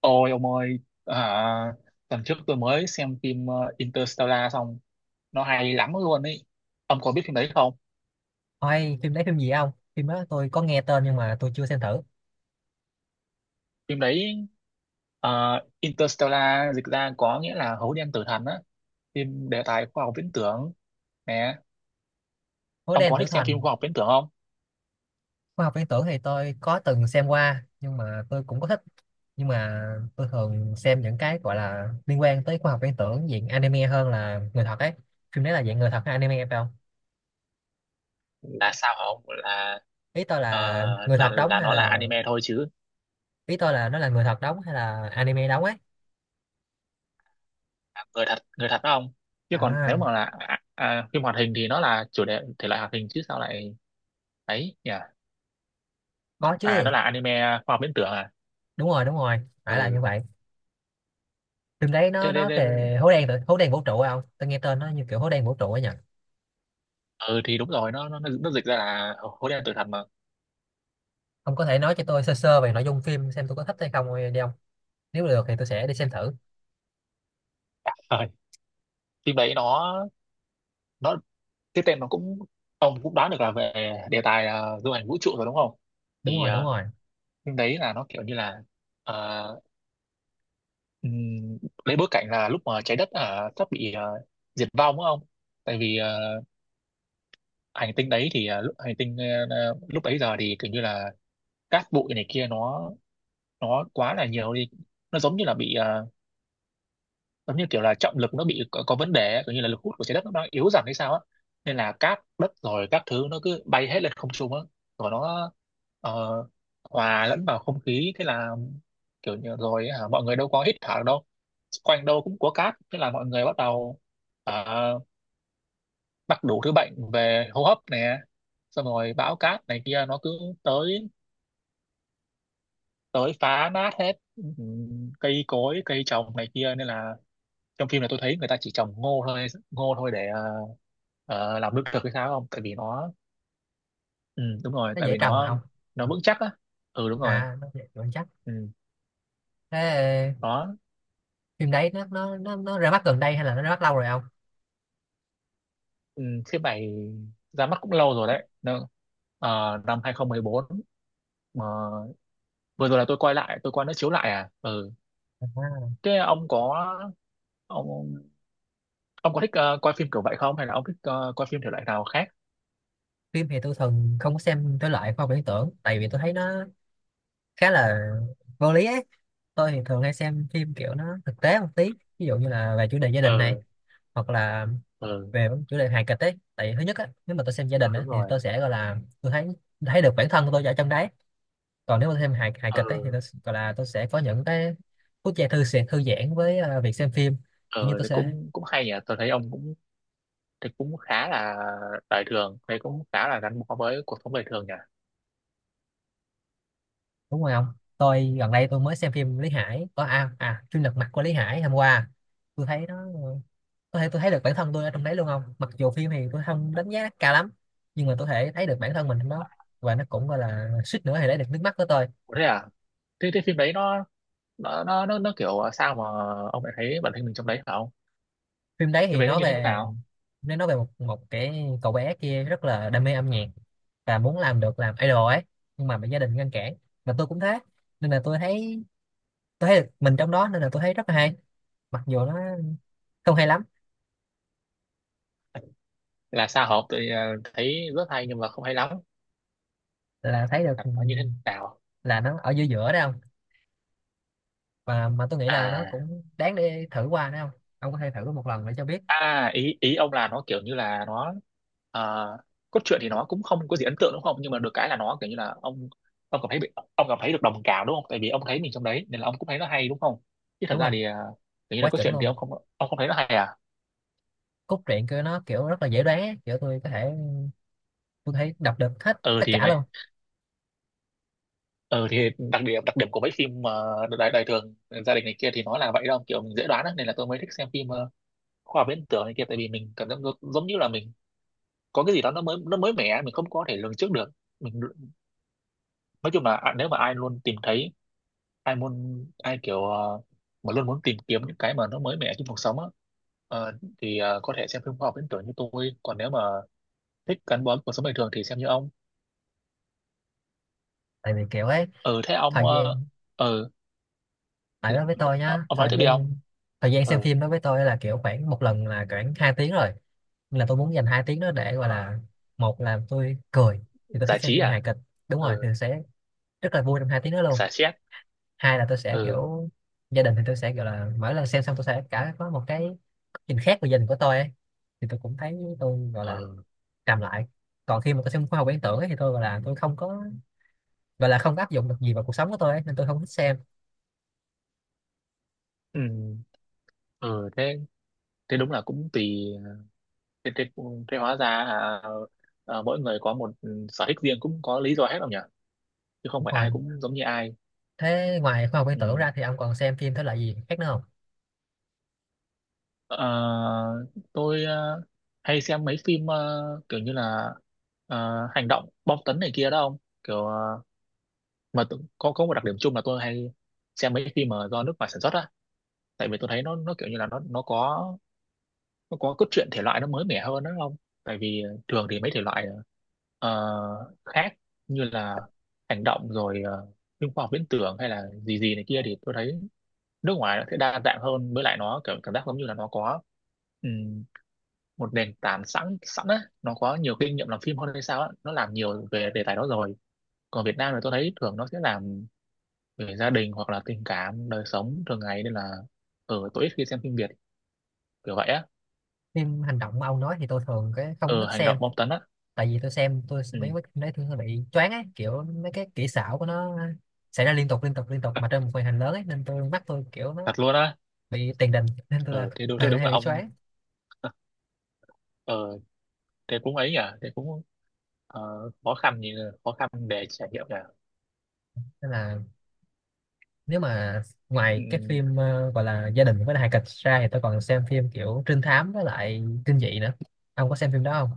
Ôi ông ơi, à, tuần trước tôi mới xem phim Interstellar xong, nó hay lắm luôn ấy. Ông có biết phim đấy không? Ôi, phim đấy phim gì không? Phim đó tôi có nghe tên nhưng mà tôi chưa xem thử. Phim đấy ờ, Interstellar dịch ra có nghĩa là hố đen tử thần á, phim đề tài khoa học viễn tưởng nè. Hố Ông đen có tử thích xem phim thần, khoa học viễn tưởng không? khoa học viễn tưởng thì tôi có từng xem qua nhưng mà tôi cũng có thích. Nhưng mà tôi thường xem những cái gọi là liên quan tới khoa học viễn tưởng diện anime hơn là người thật ấy. Phim đấy là dạng người thật hay anime phải không? Là sao hả ông? Ý tôi ờ, là người là thật đóng là hay nó là là anime thôi chứ. ý tôi là nó là người thật đóng hay là anime đóng ấy. À, người thật đó ông. Chứ còn nếu À, mà là phim hoạt hình thì nó là chủ đề thể loại hoạt hình chứ sao lại ấy nhỉ? có À chứ. nó là anime à, khoa học viễn tưởng à. Đúng rồi, đúng rồi. Phải là như Ừ vậy. Phim đấy nó thế nên nó nên- về hố đen vũ trụ phải không? Tôi nghe tên nó như kiểu hố đen vũ trụ ấy nhỉ? ừ thì đúng rồi, nó dịch ra là hố đen tử thần mà. Ông có thể nói cho tôi sơ sơ về nội dung phim xem tôi có thích hay không đi ông, nếu được thì tôi sẽ đi xem thử. Rồi. Phim đấy nó, cái tên nó cũng, ông cũng đoán được là về đề tài du hành vũ trụ rồi đúng không. Đúng Thì rồi, đúng rồi. phim đấy là nó kiểu như là, ờ, ừm, lấy bối cảnh là lúc mà trái đất sắp bị diệt vong đúng không. Tại vì hành tinh đấy thì lúc hành tinh lúc bấy giờ thì kiểu như là cát bụi này kia nó quá là nhiều đi, nó giống như là bị, giống như kiểu là trọng lực nó bị có vấn đề ấy, kiểu như là lực hút của trái đất nó đang yếu dần hay sao á, nên là cát đất rồi các thứ nó cứ bay hết lên không trung á, rồi nó ờ, hòa lẫn vào không khí. Thế là kiểu như rồi hả, mọi người đâu có hít thở được đâu, quanh đâu cũng có cát, thế là mọi người bắt đầu ờ, mắc đủ thứ bệnh về hô hấp nè. Xong rồi bão cát này kia nó cứ tới tới phá nát hết, cây cối cây trồng này kia, nên là trong phim này tôi thấy người ta chỉ trồng ngô thôi để làm lương thực hay sao không, tại vì nó, ừ, đúng rồi Nó tại dễ vì trồng mà nó ông. Vững chắc á. Ừ đúng rồi. À, nó dễ trồng chắc. Ừ, Thế đó. phim đấy nó ra mắt gần đây hay là nó ra mắt lâu rồi ông? Ừ, phim này ra mắt cũng lâu rồi đấy. Năm 2014, mà vừa rồi là tôi quay lại tôi coi nó chiếu lại. À ừ. à, Thế ông ông có thích coi phim kiểu vậy không, hay là ông thích coi phim thể loại nào khác. Phim thì tôi thường không có xem thể loại khoa học viễn tưởng, tại vì tôi thấy nó khá là vô lý ấy. Tôi thì thường hay xem phim kiểu nó thực tế một tí, ví dụ như là về chủ đề gia đình này, ờ hoặc là ờ về chủ đề hài kịch ấy. Tại thứ nhất á, nếu mà tôi xem gia ờ, đình đúng á thì rồi. tôi sẽ gọi là tôi thấy thấy được bản thân tôi ở trong đấy. Còn nếu mà thêm hài hài ờ kịch ấy, thì gọi là tôi sẽ có những cái phút giây thư sẽ thư giãn với việc xem phim, kiểu như ờ tôi thì sẽ. cũng cũng hay nhỉ, tôi thấy ông cũng thì cũng khá là đời thường đấy, cũng khá là gắn bó với cuộc sống đời thường nhỉ. Đúng rồi không. Tôi gần đây tôi mới xem phim Lý Hải có chuyên lật mặt của Lý Hải hôm qua. Tôi thấy nó, có thể tôi thấy được bản thân tôi ở trong đấy luôn không, mặc dù phim thì tôi không đánh giá cao lắm, nhưng mà tôi thể thấy được bản thân mình trong đó. Và nó cũng gọi là suýt nữa thì lấy được nước mắt của tôi. Ủa thế à? Thế, phim đấy nó, nó kiểu sao mà ông lại thấy bản thân mình trong đấy phải không? Phim đấy Phim thì đấy nó nói như thế về, nào? nó nói về một một cái cậu bé kia rất là đam mê âm nhạc và muốn làm được làm idol ấy, nhưng mà bị gia đình ngăn cản. Và tôi cũng thế, nên là tôi thấy, tôi thấy được mình trong đó nên là tôi thấy rất là hay, mặc dù nó không hay lắm. Là sao, hợp tôi thấy rất hay nhưng mà không hay lắm, Là thấy được, là nó như thế nào là nó ở giữa giữa đấy không, và mà tôi nghĩ là nó à? cũng đáng để thử qua đấy không. Ông có thể thử một lần để cho biết. À, ý ý ông là nó kiểu như là nó ờ, cốt truyện thì nó cũng không có gì ấn tượng đúng không? Nhưng mà được cái là nó kiểu như là ông cảm thấy được đồng cảm đúng không? Tại vì ông thấy mình trong đấy nên là ông cũng thấy nó hay đúng không? Chứ thật Đúng rồi. ra thì kiểu như là Quá cốt chuẩn truyện thì luôn. Ông không thấy nó hay à? Cốt truyện của nó kiểu rất là dễ đoán ấy. Kiểu tôi có thể tôi thấy đọc được hết Ừ tất thì cả luôn. mày ừ thì đặc điểm của mấy phim đời đời thường, gia đình này kia thì nó là vậy đâu, kiểu mình dễ đoán á, nên là tôi mới thích xem phim khoa học viễn tưởng này kia, tại vì mình cảm giác giống giống như là mình có cái gì đó nó mới mẻ, mình không có thể lường trước được mình. Nói chung là nếu mà ai luôn tìm thấy ai muốn ai kiểu ờ, mà luôn muốn tìm kiếm những cái mà nó mới mẻ trong cuộc sống á, ờ, thì có thể xem phim khoa học viễn tưởng như tôi, còn nếu mà thích gắn bó với cuộc sống bình thường thì xem như ông. Tại vì kiểu ấy, ừ thế ông thời ờ, gian, ừ tại thế- đó với tôi ờ, nhá, ông nói thời tiếp đi ông. gian, thời gian xem Ừ. phim đó với tôi là kiểu khoảng một lần là khoảng 2 tiếng rồi, nên là tôi muốn dành 2 tiếng đó để gọi ờ, là một là tôi cười, thì tôi Giải thích xem trí phim hài à. kịch. Đúng rồi, thì Ừ, sẽ rất là vui trong hai tiếng đó luôn. giải stress. Hai là tôi sẽ Ừ. kiểu gia đình thì tôi sẽ gọi là mỗi lần xem xong tôi sẽ cả có một cái nhìn khác về gia đình của tôi ấy. Thì tôi cũng thấy tôi gọi là ừ. trầm lại. Còn khi mà tôi xem khoa học viễn tưởng ấy, thì tôi gọi là tôi không có, gọi là không có áp dụng được gì vào cuộc sống của tôi ấy, nên tôi không thích xem. Ừ. ừ thế, thế đúng là cũng tùy. Thế, thế, thế hóa ra mỗi người có một, sở thích riêng cũng có lý do hết không nhỉ, chứ không Đúng phải ai rồi. cũng giống như ai. Thế ngoài khoa học viễn tưởng Ừ. ra thì ông còn xem phim thể loại gì khác nữa không? Ờ, tôi hay xem mấy phim kiểu như là hành động bom tấn này kia đó ông, kiểu có một đặc điểm chung là tôi hay xem mấy phim mà do nước ngoài sản xuất á, tại vì tôi thấy nó kiểu như là nó có cốt truyện thể loại nó mới mẻ hơn đó không. Tại vì thường thì mấy thể loại khác như là hành động rồi phim khoa học viễn tưởng hay là gì gì này kia thì tôi thấy nước ngoài nó sẽ đa dạng hơn, với lại nó kiểu cảm giác giống như là nó có một nền tảng sẵn sẵn á, nó có nhiều kinh nghiệm làm phim hơn hay sao á, nó làm nhiều về đề tài đó rồi. Còn Việt Nam thì tôi thấy thường nó sẽ làm về gia đình hoặc là tình cảm đời sống thường ngày, nên là tôi ít khi xem phim Việt kiểu vậy á. Phim hành động mà ông nói thì tôi thường cái không có thích Hành xem, động bom tấn á. tại vì tôi xem tôi sẽ Ừ, mấy mấy mấy thứ hơi bị choáng ấy, kiểu mấy cái kỹ xảo của nó xảy ra liên tục thật, mà trên một màn hình lớn ấy, nên tôi mắt tôi kiểu nó thật luôn á. bị tiền đình nên tôi là Ờ thế đúng thường hay là bị ông. choáng. ờ Thế cũng ấy nhỉ, thế cũng ờ, khó khăn nhỉ, khó khăn để trải nghiệm nhỉ. Nên là nếu mà Ừ, ngoài cái phim gọi là gia đình với hài kịch ra thì tôi còn xem phim kiểu trinh thám với lại kinh dị nữa. Ông có xem phim đó không?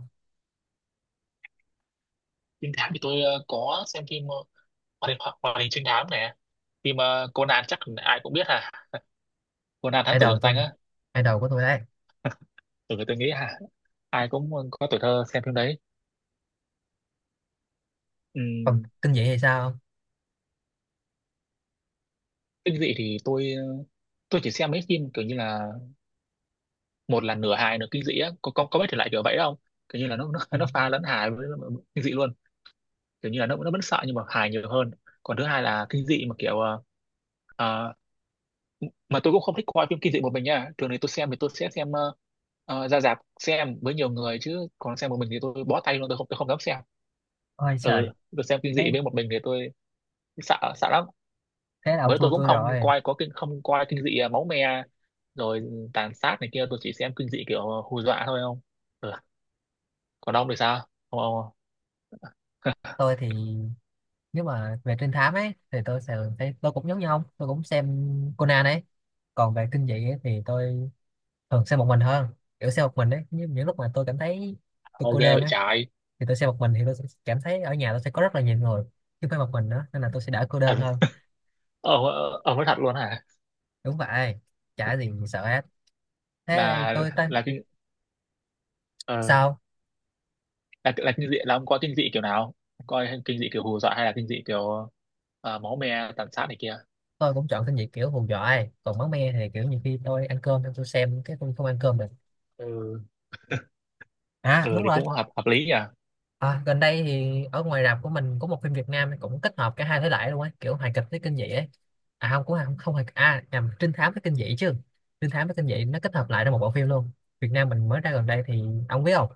trinh thám thì tôi có xem phim hoạt hình trinh thám này, phim Conan chắc ai cũng biết ha, Conan thám tử Idol lừng tanh tôi, á, idol của tôi đấy. từ người tôi nghĩ hả, ai cũng có tuổi thơ xem phim đấy. Còn Ừm, kinh dị thì sao? Kinh dị thì tôi, chỉ xem mấy phim kiểu như là, một là nửa hài nửa kinh dị á, có biết thể loại kiểu vậy không, kiểu như là nó, nó pha lẫn hài với kinh dị luôn, kiểu như là nó vẫn sợ nhưng mà hài nhiều hơn. Còn thứ hai là kinh dị mà kiểu ờ, mà tôi cũng không thích coi phim kinh dị một mình nha, thường thì tôi sẽ xem ra rạp xem với nhiều người, chứ còn xem một mình thì tôi bó tay luôn, tôi không dám xem. Ôi trời, Ừ, tôi xem kinh thế dị với một mình thì tôi sợ sợ lắm, thế là ông với tôi thua cũng tôi không rồi. coi, có kinh không coi kinh dị máu me rồi tàn sát này kia, tôi chỉ xem kinh dị kiểu hù dọa thôi không. Ừ. Còn ông thì sao ông, Tôi thì nếu mà về trinh thám ấy thì tôi sẽ thấy tôi cũng giống như ông, tôi cũng xem Conan ấy. Còn về kinh dị ấy, thì tôi thường xem một mình hơn. Kiểu xem một mình ấy, những lúc mà tôi cảm thấy tôi ông cô đơn vậy ấy, trái. thì tôi xem một mình thì tôi sẽ cảm thấy ở nhà tôi sẽ có rất là nhiều người, chứ không phải một mình nữa, nên là tôi sẽ đỡ cô đơn Thật. hơn. ông ông nói thật luôn hả? Đúng vậy, chả gì sợ hết. Thế là tôi tên là kinh ờ, sao. là là kinh dị là ông coi kinh dị kiểu nào? Coi kinh dị kiểu hù dọa hay là kinh dị kiểu máu me tàn sát này kia. Tôi cũng chọn kinh dị kiểu hù dọa ấy. Còn máu me thì kiểu nhiều khi tôi ăn cơm xong tôi xem cái tôi không ăn cơm được. Ừ, À ừ đúng thì rồi. cũng hợp hợp lý nhỉ. À, gần đây thì ở ngoài rạp của mình có một phim Việt Nam cũng kết hợp cả hai thể loại luôn ấy, kiểu hài kịch với kinh dị ấy. À không, cũng không không hài, à nhầm, trinh thám với kinh dị chứ. Trinh thám với kinh dị nó kết hợp lại ra một bộ phim luôn. Việt Nam mình mới ra gần đây thì ông biết không?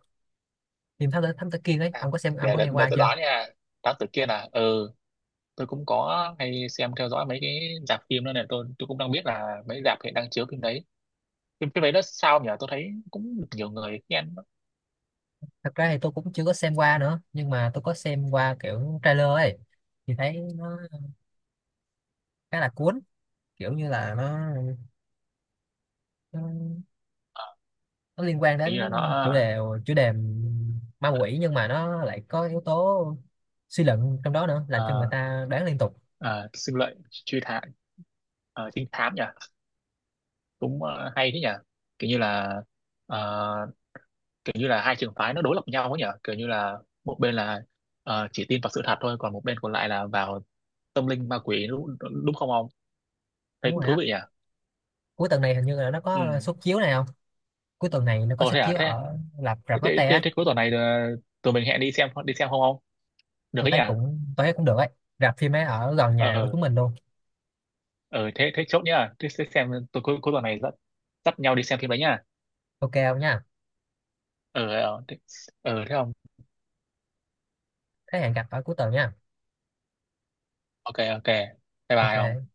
Phim thám tử Kiên ấy, À, ông có xem ông có nghe để qua tôi chưa? đoán nha, đoán từ kia là ừ, tôi cũng có hay xem theo dõi mấy cái rạp phim đó này, tôi cũng đang biết là mấy rạp hiện đang chiếu phim đấy. Phim Phim đấy nó sao nhỉ, tôi thấy cũng được nhiều người khen. Thật ra thì tôi cũng chưa có xem qua nữa, nhưng mà tôi có xem qua kiểu trailer ấy, thì thấy nó khá là cuốn. Kiểu như là nó nó liên quan đến Hình như là nó chủ đề, chủ đề ma quỷ, nhưng mà nó lại có yếu tố suy luận trong đó nữa, làm cho người ờ, ta đoán liên tục. ờ, sinh lợi, truy thám, trinh thám nhỉ, cũng hay thế nhỉ, kiểu như là ờ, hai trường phái nó đối lập nhau ấy nhỉ, kiểu như là một bên là chỉ tin vào sự thật thôi, còn một bên còn lại là vào tâm linh ma quỷ, đúng không ông, thấy Đúng cũng rồi thú á. vị nhỉ. Cuối tuần này hình như là nó có Ừ. suất chiếu này không. Cuối tuần này nó có Ồ thế suất à, chiếu thế, ở rạp rạp Lotte á. thế cuối tuần này tụi mình hẹn đi xem không, không được Tôi ấy nhỉ. thấy cũng, tôi thấy cũng được ấy. Rạp phim ấy ở gần nhà của ờ chúng mình luôn. ờ Thế, thế chốt nhá, thế xem tụi cuối cuối tuần này dắt dắt nhau đi xem phim đấy nhá. Ok không nha. Ờ Thế, thế không. Thế hẹn gặp ở cuối tuần nha. Ok ok, bye bye không. Ok.